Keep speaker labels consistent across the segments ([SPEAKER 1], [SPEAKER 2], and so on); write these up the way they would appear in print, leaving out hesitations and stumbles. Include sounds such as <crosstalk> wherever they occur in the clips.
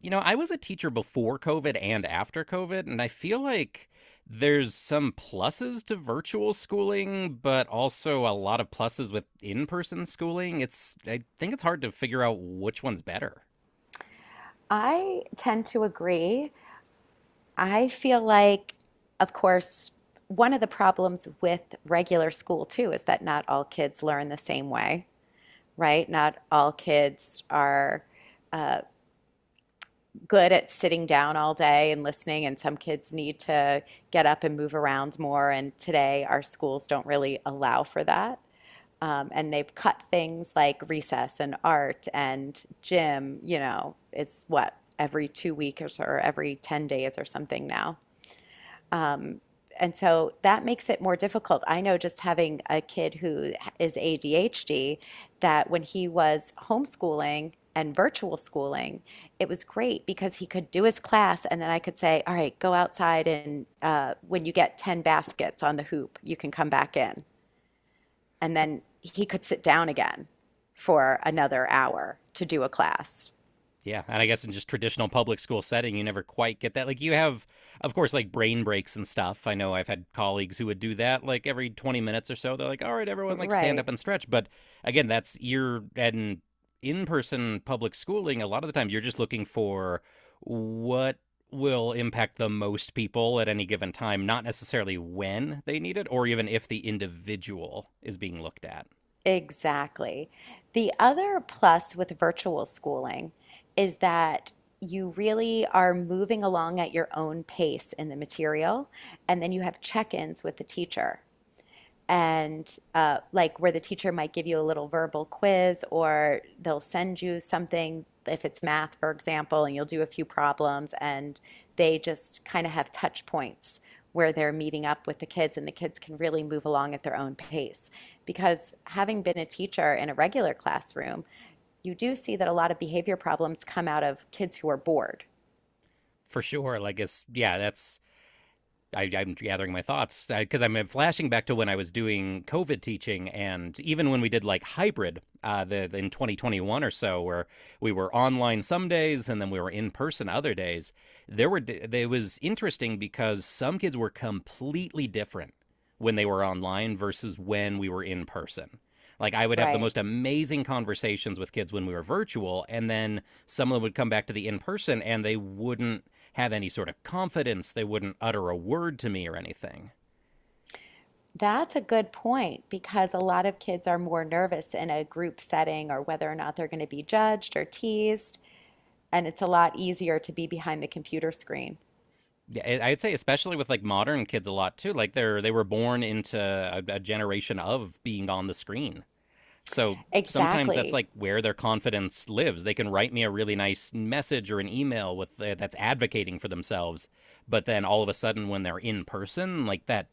[SPEAKER 1] I was a teacher before COVID and after COVID, and I feel like there's some pluses to virtual schooling, but also a lot of pluses with in person schooling. I think it's hard to figure out which one's better.
[SPEAKER 2] I tend to agree. I feel like, of course, one of the problems with regular school too is that not all kids learn the same way, right? Not all kids are uh, good at sitting down all day and listening, and some kids need to get up and move around more. And today, our schools don't really allow for that. And they've cut things like recess and art and gym, you know, it's what, every 2 weeks or every 10 days or something now. Um, and so that makes it more difficult. I know just having a kid who is ADHD, that when he was homeschooling and virtual schooling, it was great because he could do his class and then I could say, all right, go outside and when you get 10 baskets on the hoop, you can come back in and then he could sit down again for another hour to do a class.
[SPEAKER 1] Yeah, and I guess in just traditional public school setting, you never quite get that. Like you have, of course, like brain breaks and stuff. I know I've had colleagues who would do that, like every 20 minutes or so. They're like, "All right, everyone, like stand
[SPEAKER 2] Right,
[SPEAKER 1] up and stretch." But again, that's you're in in-person public schooling. A lot of the time, you're just looking for what will impact the most people at any given time, not necessarily when they need it or even if the individual is being looked at.
[SPEAKER 2] exactly. The other plus with virtual schooling is that you really are moving along at your own pace in the material, and then you have check-ins with the teacher. And like where the teacher might give you a little verbal quiz or they'll send you something if it's math, for example, and you'll do a few problems, and they just kind of have touch points where they're meeting up with the kids, and the kids can really move along at their own pace because having been a teacher in a regular classroom, you do see that a lot of behavior problems come out of kids who are bored.
[SPEAKER 1] For sure. Like it's yeah, that's I'm gathering my thoughts because I'm flashing back to when I was doing COVID teaching, and even when we did like hybrid in 2021 or so, where we were online some days and then we were in person other days, there were it was interesting because some kids were completely different when they were online versus when we were in person. Like I would have the
[SPEAKER 2] Right.
[SPEAKER 1] most amazing conversations with kids when we were virtual, and then some of them would come back to the in person and they wouldn't have any sort of confidence. They wouldn't utter a word to me or anything.
[SPEAKER 2] That's a good point because a lot of kids are more nervous in a group setting or whether or not they're going to be judged or teased. And it's a lot easier to be behind the computer screen.
[SPEAKER 1] Yeah, I- would say especially with like modern kids a lot too. Like they were born into a generation of being on the screen. So sometimes that's
[SPEAKER 2] Exactly.
[SPEAKER 1] like where their confidence lives. They can write me a really nice message or an email with that's advocating for themselves, but then all of a sudden when they're in person, like that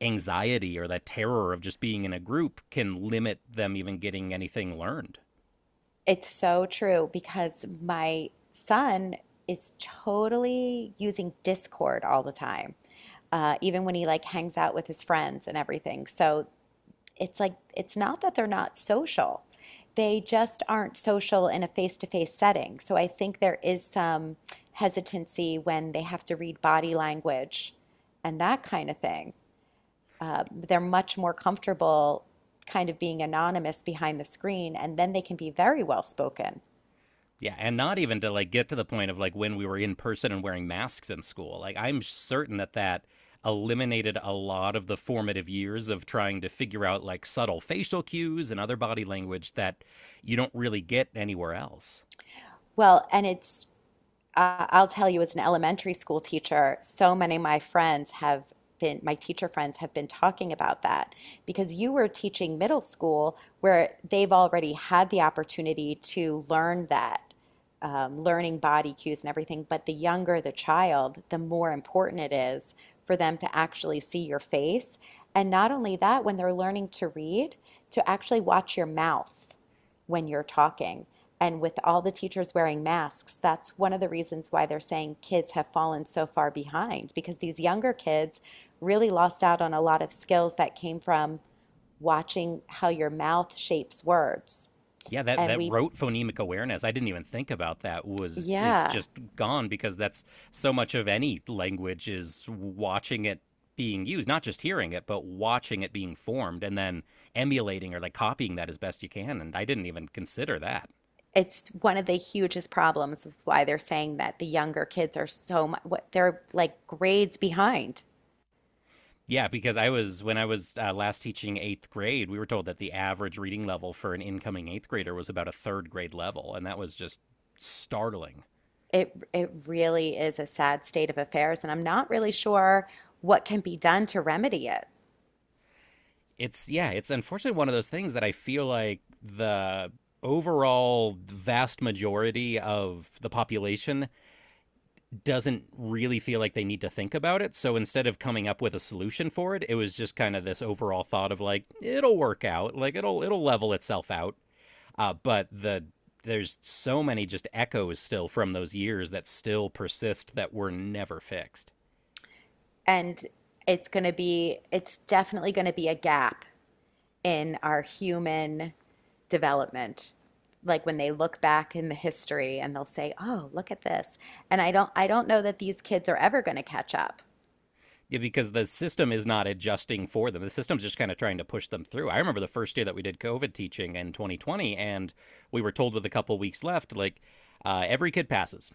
[SPEAKER 1] anxiety or that terror of just being in a group can limit them even getting anything learned.
[SPEAKER 2] It's so true because my son is totally using Discord all the time, even when he like hangs out with his friends and everything. So it's like it's not that they're not social. They just aren't social in a face-to-face setting. So I think there is some hesitancy when they have to read body language and that kind of thing. They're much more comfortable kind of being anonymous behind the screen, and then they can be very well spoken.
[SPEAKER 1] Yeah, and not even to like get to the point of like when we were in person and wearing masks in school. Like I'm certain that that eliminated a lot of the formative years of trying to figure out like subtle facial cues and other body language that you don't really get anywhere else.
[SPEAKER 2] Well, and I'll tell you, as an elementary school teacher, so many of my friends have been, my teacher friends have been talking about that because you were teaching middle school where they've already had the opportunity to learn that, learning body cues and everything. But the younger the child, the more important it is for them to actually see your face. And not only that, when they're learning to read, to actually watch your mouth when you're talking. And with all the teachers wearing masks, that's one of the reasons why they're saying kids have fallen so far behind because these younger kids really lost out on a lot of skills that came from watching how your mouth shapes words.
[SPEAKER 1] Yeah, that
[SPEAKER 2] And
[SPEAKER 1] that
[SPEAKER 2] we,
[SPEAKER 1] rote phonemic awareness, I didn't even think about that was is
[SPEAKER 2] yeah,
[SPEAKER 1] just gone, because that's so much of any language is watching it being used, not just hearing it, but watching it being formed and then emulating or like copying that as best you can, and I didn't even consider that.
[SPEAKER 2] it's one of the hugest problems of why they're saying that the younger kids are so much, what, they're like grades behind.
[SPEAKER 1] Yeah, because I was when I was last teaching eighth grade, we were told that the average reading level for an incoming eighth grader was about a third grade level, and that was just startling.
[SPEAKER 2] It really is a sad state of affairs, and I'm not really sure what can be done to remedy it.
[SPEAKER 1] It's unfortunately one of those things that I feel like the overall vast majority of the population doesn't really feel like they need to think about it. So instead of coming up with a solution for it, it was just kind of this overall thought of like it'll work out, like it'll level itself out. But there's so many just echoes still from those years that still persist that were never fixed.
[SPEAKER 2] And it's going to be, it's definitely going to be a gap in our human development, like when they look back in the history and they'll say, oh, look at this. And I don't know that these kids are ever going to catch up.
[SPEAKER 1] Yeah, because the system is not adjusting for them. The system's just kind of trying to push them through. I remember the first year that we did COVID teaching in 2020, and we were told with a couple weeks left, like, every kid passes.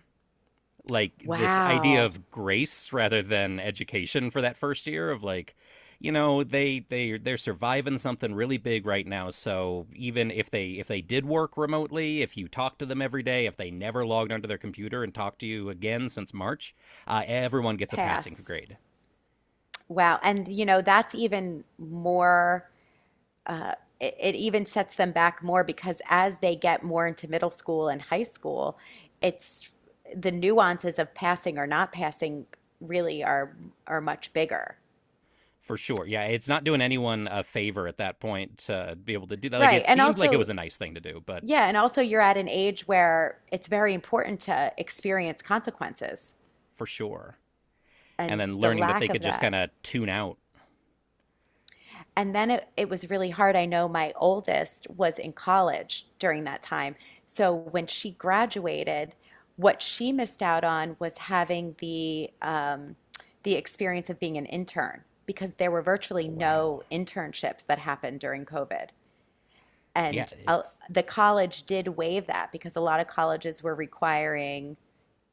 [SPEAKER 1] Like, this idea
[SPEAKER 2] Wow.
[SPEAKER 1] of grace rather than education for that first year of like, you know, they're surviving something really big right now, so even if they, if they did work remotely, if you talk to them every day, if they never logged onto their computer and talked to you again since march, everyone gets a passing
[SPEAKER 2] Pass.
[SPEAKER 1] grade.
[SPEAKER 2] Wow. And you know that's even more, uh, it even sets them back more because as they get more into middle school and high school, it's the nuances of passing or not passing really are much bigger.
[SPEAKER 1] For sure. Yeah, it's not doing anyone a favor at that point to be able to do that. Like
[SPEAKER 2] Right,
[SPEAKER 1] it
[SPEAKER 2] and
[SPEAKER 1] seemed like it
[SPEAKER 2] also,
[SPEAKER 1] was a nice thing to do, but
[SPEAKER 2] yeah, and also you're at an age where it's very important to experience consequences
[SPEAKER 1] for sure. And
[SPEAKER 2] and
[SPEAKER 1] then
[SPEAKER 2] the
[SPEAKER 1] learning that they
[SPEAKER 2] lack of
[SPEAKER 1] could just
[SPEAKER 2] that.
[SPEAKER 1] kind of tune out.
[SPEAKER 2] And then it was really hard. I know my oldest was in college during that time. So when she graduated, what she missed out on was having the experience of being an intern because there were virtually
[SPEAKER 1] Oh, wow.
[SPEAKER 2] no internships that happened during COVID.
[SPEAKER 1] Yeah,
[SPEAKER 2] And
[SPEAKER 1] it's
[SPEAKER 2] the college did waive that because a lot of colleges were requiring,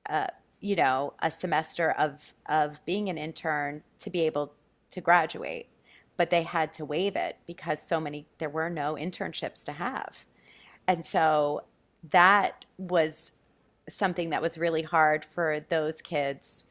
[SPEAKER 2] uh, you know, a semester of being an intern to be able to graduate, but they had to waive it because so many there were no internships to have, and so that was something that was really hard for those kids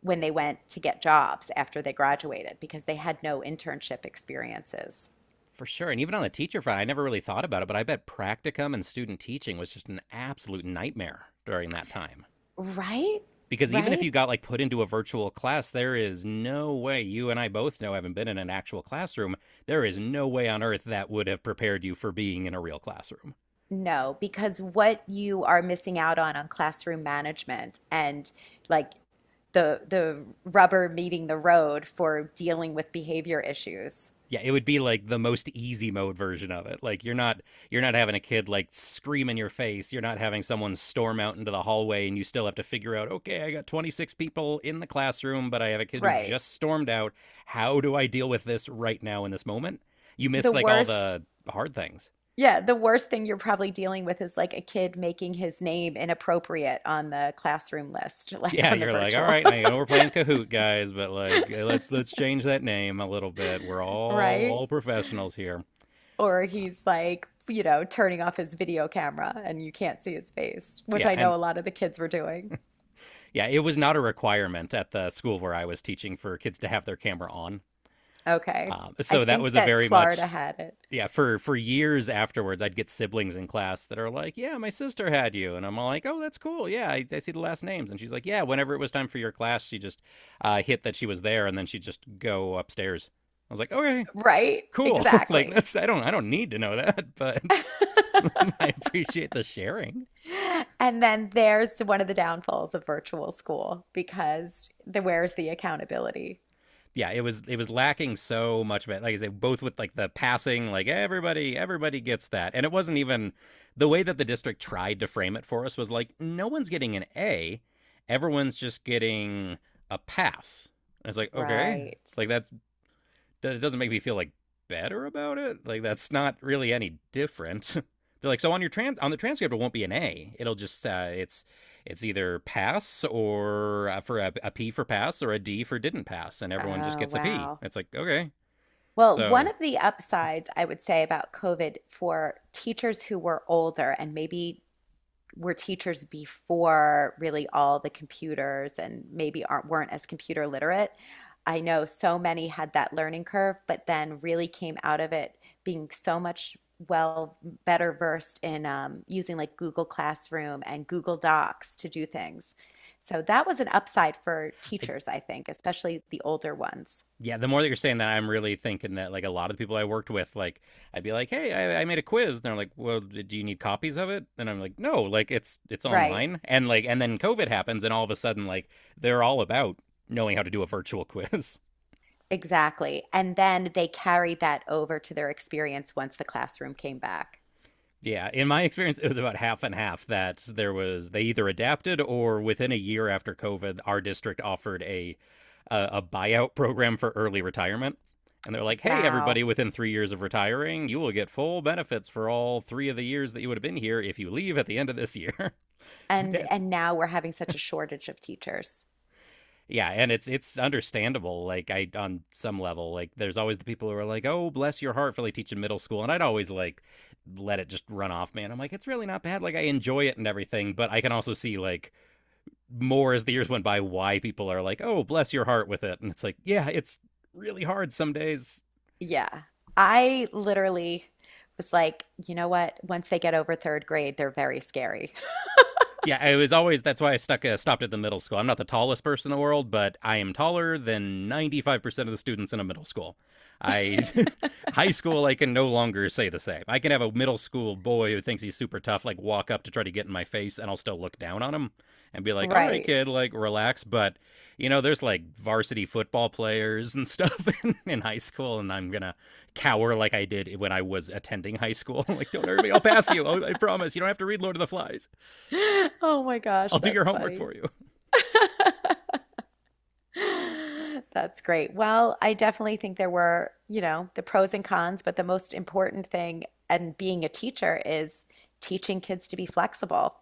[SPEAKER 2] when they went to get jobs after they graduated because they had no internship experiences.
[SPEAKER 1] For sure. And even on the teacher front, I never really thought about it, but I bet practicum and student teaching was just an absolute nightmare during that time.
[SPEAKER 2] Right?
[SPEAKER 1] Because even if you
[SPEAKER 2] Right?
[SPEAKER 1] got like put into a virtual class, there is no way, you and I both know, having been in an actual classroom, there is no way on earth that would have prepared you for being in a real classroom.
[SPEAKER 2] No, because what you are missing out on classroom management and, like, the rubber meeting the road for dealing with behavior issues.
[SPEAKER 1] Yeah, it would be like the most easy mode version of it. Like you're not having a kid like scream in your face, you're not having someone storm out into the hallway and you still have to figure out, okay, I got 26 people in the classroom but I have a kid who
[SPEAKER 2] Right.
[SPEAKER 1] just stormed out, how do I deal with this right now in this moment. You
[SPEAKER 2] The
[SPEAKER 1] miss like all
[SPEAKER 2] worst,
[SPEAKER 1] the hard things.
[SPEAKER 2] yeah, the worst thing you're probably dealing with is like a kid making his name inappropriate on the classroom list, <laughs> like
[SPEAKER 1] Yeah,
[SPEAKER 2] on the
[SPEAKER 1] you're like, all
[SPEAKER 2] virtual,
[SPEAKER 1] right, I know we're playing Kahoot, guys, but like, eh, let's change that name a little bit. We're
[SPEAKER 2] <laughs>
[SPEAKER 1] all
[SPEAKER 2] right?
[SPEAKER 1] all professionals here.
[SPEAKER 2] Or he's like, you know, turning off his video camera and you can't see his face, which
[SPEAKER 1] Yeah,
[SPEAKER 2] I
[SPEAKER 1] and
[SPEAKER 2] know a lot of the kids were doing.
[SPEAKER 1] yeah, it was not a requirement at the school where I was teaching for kids to have their camera on.
[SPEAKER 2] Okay. I
[SPEAKER 1] So that
[SPEAKER 2] think
[SPEAKER 1] was a
[SPEAKER 2] that
[SPEAKER 1] very
[SPEAKER 2] Florida
[SPEAKER 1] much,
[SPEAKER 2] had it.
[SPEAKER 1] yeah, for years afterwards. I'd get siblings in class that are like, yeah, my sister had you, and I'm all like, oh, that's cool. Yeah, I see the last names, and she's like, yeah. Whenever it was time for your class, she just hit that she was there, and then she'd just go upstairs. I was like, okay,
[SPEAKER 2] Right?
[SPEAKER 1] cool. <laughs> Like
[SPEAKER 2] Exactly.
[SPEAKER 1] that's I don't need to know that, but
[SPEAKER 2] <laughs>
[SPEAKER 1] <laughs> I appreciate the sharing.
[SPEAKER 2] And then there's one of the downfalls of virtual school because the where's the accountability?
[SPEAKER 1] Yeah, it was lacking so much of it. Like I say, both with like the passing, like everybody gets that, and it wasn't even the way that the district tried to frame it for us was like no one's getting an A, everyone's just getting a pass. And it's like okay,
[SPEAKER 2] Right.
[SPEAKER 1] like that it doesn't make me feel like better about it. Like that's not really any different. <laughs> They're like, so on your trans on the transcript, it won't be an A. It'll just it's either pass or for a P for pass or a D for didn't pass, and everyone just
[SPEAKER 2] Oh,
[SPEAKER 1] gets a P.
[SPEAKER 2] wow.
[SPEAKER 1] It's like okay,
[SPEAKER 2] Well, one
[SPEAKER 1] so
[SPEAKER 2] of the upsides I would say about COVID for teachers who were older and maybe were teachers before really all the computers and maybe aren't weren't as computer literate. I know so many had that learning curve, but then really came out of it being so much, well, better versed in using like Google Classroom and Google Docs to do things. So that was an upside for
[SPEAKER 1] I,
[SPEAKER 2] teachers, I think, especially the older ones.
[SPEAKER 1] yeah, the more that you're saying that, I'm really thinking that like a lot of the people I worked with, like I'd be like, "Hey, I made a quiz," and they're like, "Well, do you need copies of it?" And I'm like, "No, like it's
[SPEAKER 2] Right,
[SPEAKER 1] online." And like, and then COVID happens, and all of a sudden, like they're all about knowing how to do a virtual <laughs> quiz.
[SPEAKER 2] exactly. And then they carried that over to their experience once the classroom came back.
[SPEAKER 1] Yeah, in my experience, it was about half and half that there was they either adapted or within a year after COVID, our district offered a buyout program for early retirement. And they're like, hey,
[SPEAKER 2] Wow.
[SPEAKER 1] everybody, within 3 years of retiring, you will get full benefits for all three of the years that you would have been here if you leave at the end of this year.
[SPEAKER 2] and
[SPEAKER 1] <laughs>
[SPEAKER 2] and now we're having such a shortage of teachers.
[SPEAKER 1] Yeah, and it's understandable. Like I on some level, like there's always the people who are like, "Oh, bless your heart for like teaching middle school," and I'd always like let it just run off, man. I'm like, it's really not bad. Like I enjoy it and everything, but I can also see like more as the years went by why people are like, "Oh, bless your heart with it," and it's like, yeah, it's really hard some days.
[SPEAKER 2] Yeah. I literally was like, you know what? Once they get over third grade, they're very scary. <laughs>
[SPEAKER 1] Yeah, it was always that's why I stuck stopped at the middle school. I'm not the tallest person in the world, but I am taller than 95% of the students in a middle school. I <laughs> high school I can no longer say the same. I can have a middle school boy who thinks he's super tough like walk up to try to get in my face and I'll still look down on him and be like, "All right,
[SPEAKER 2] Right.
[SPEAKER 1] kid, like relax." But, you know, there's like varsity football players and <laughs> stuff in high school and I'm going to cower like I did when I was attending high school. <laughs> Like, "Don't hurt me. I'll pass you. I'll- I promise. You don't have to read Lord of the Flies."
[SPEAKER 2] <laughs> Oh my
[SPEAKER 1] I'll
[SPEAKER 2] gosh,
[SPEAKER 1] do your
[SPEAKER 2] that's
[SPEAKER 1] homework
[SPEAKER 2] funny.
[SPEAKER 1] for you.
[SPEAKER 2] <laughs> That's great. Well, I definitely think there were, you know, the pros and cons, but the most important thing and being a teacher is teaching kids to be flexible.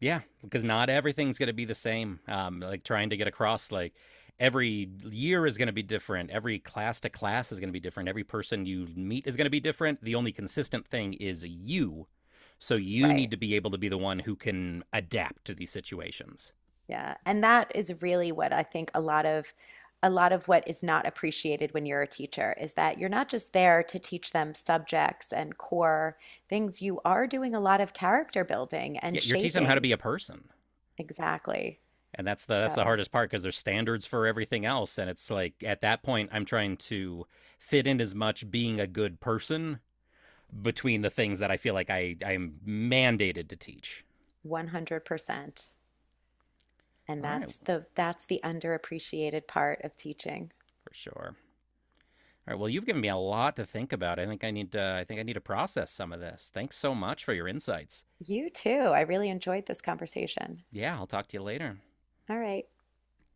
[SPEAKER 1] Yeah, because not everything's going to be the same. Like trying to get across, like every year is going to be different. Every class to class is going to be different. Every person you meet is going to be different. The only consistent thing is you. So you need
[SPEAKER 2] Right.
[SPEAKER 1] to be able to be the one who can adapt to these situations.
[SPEAKER 2] Yeah, and that is really what I think a lot of what is not appreciated when you're a teacher is that you're not just there to teach them subjects and core things. You are doing a lot of character building and
[SPEAKER 1] Yeah, you're teaching them how to
[SPEAKER 2] shaping.
[SPEAKER 1] be a person.
[SPEAKER 2] Exactly.
[SPEAKER 1] And that's the
[SPEAKER 2] So,
[SPEAKER 1] hardest part because there's standards for everything else and it's like at that point I'm trying to fit in as much being a good person between the things that I feel like I'm mandated to teach.
[SPEAKER 2] 100%. And
[SPEAKER 1] All right,
[SPEAKER 2] that's the underappreciated part of teaching.
[SPEAKER 1] for sure. All right. Well, you've given me a lot to think about. I think I need to process some of this. Thanks so much for your insights.
[SPEAKER 2] You too. I really enjoyed this conversation.
[SPEAKER 1] Yeah, I'll talk to you later.
[SPEAKER 2] All right.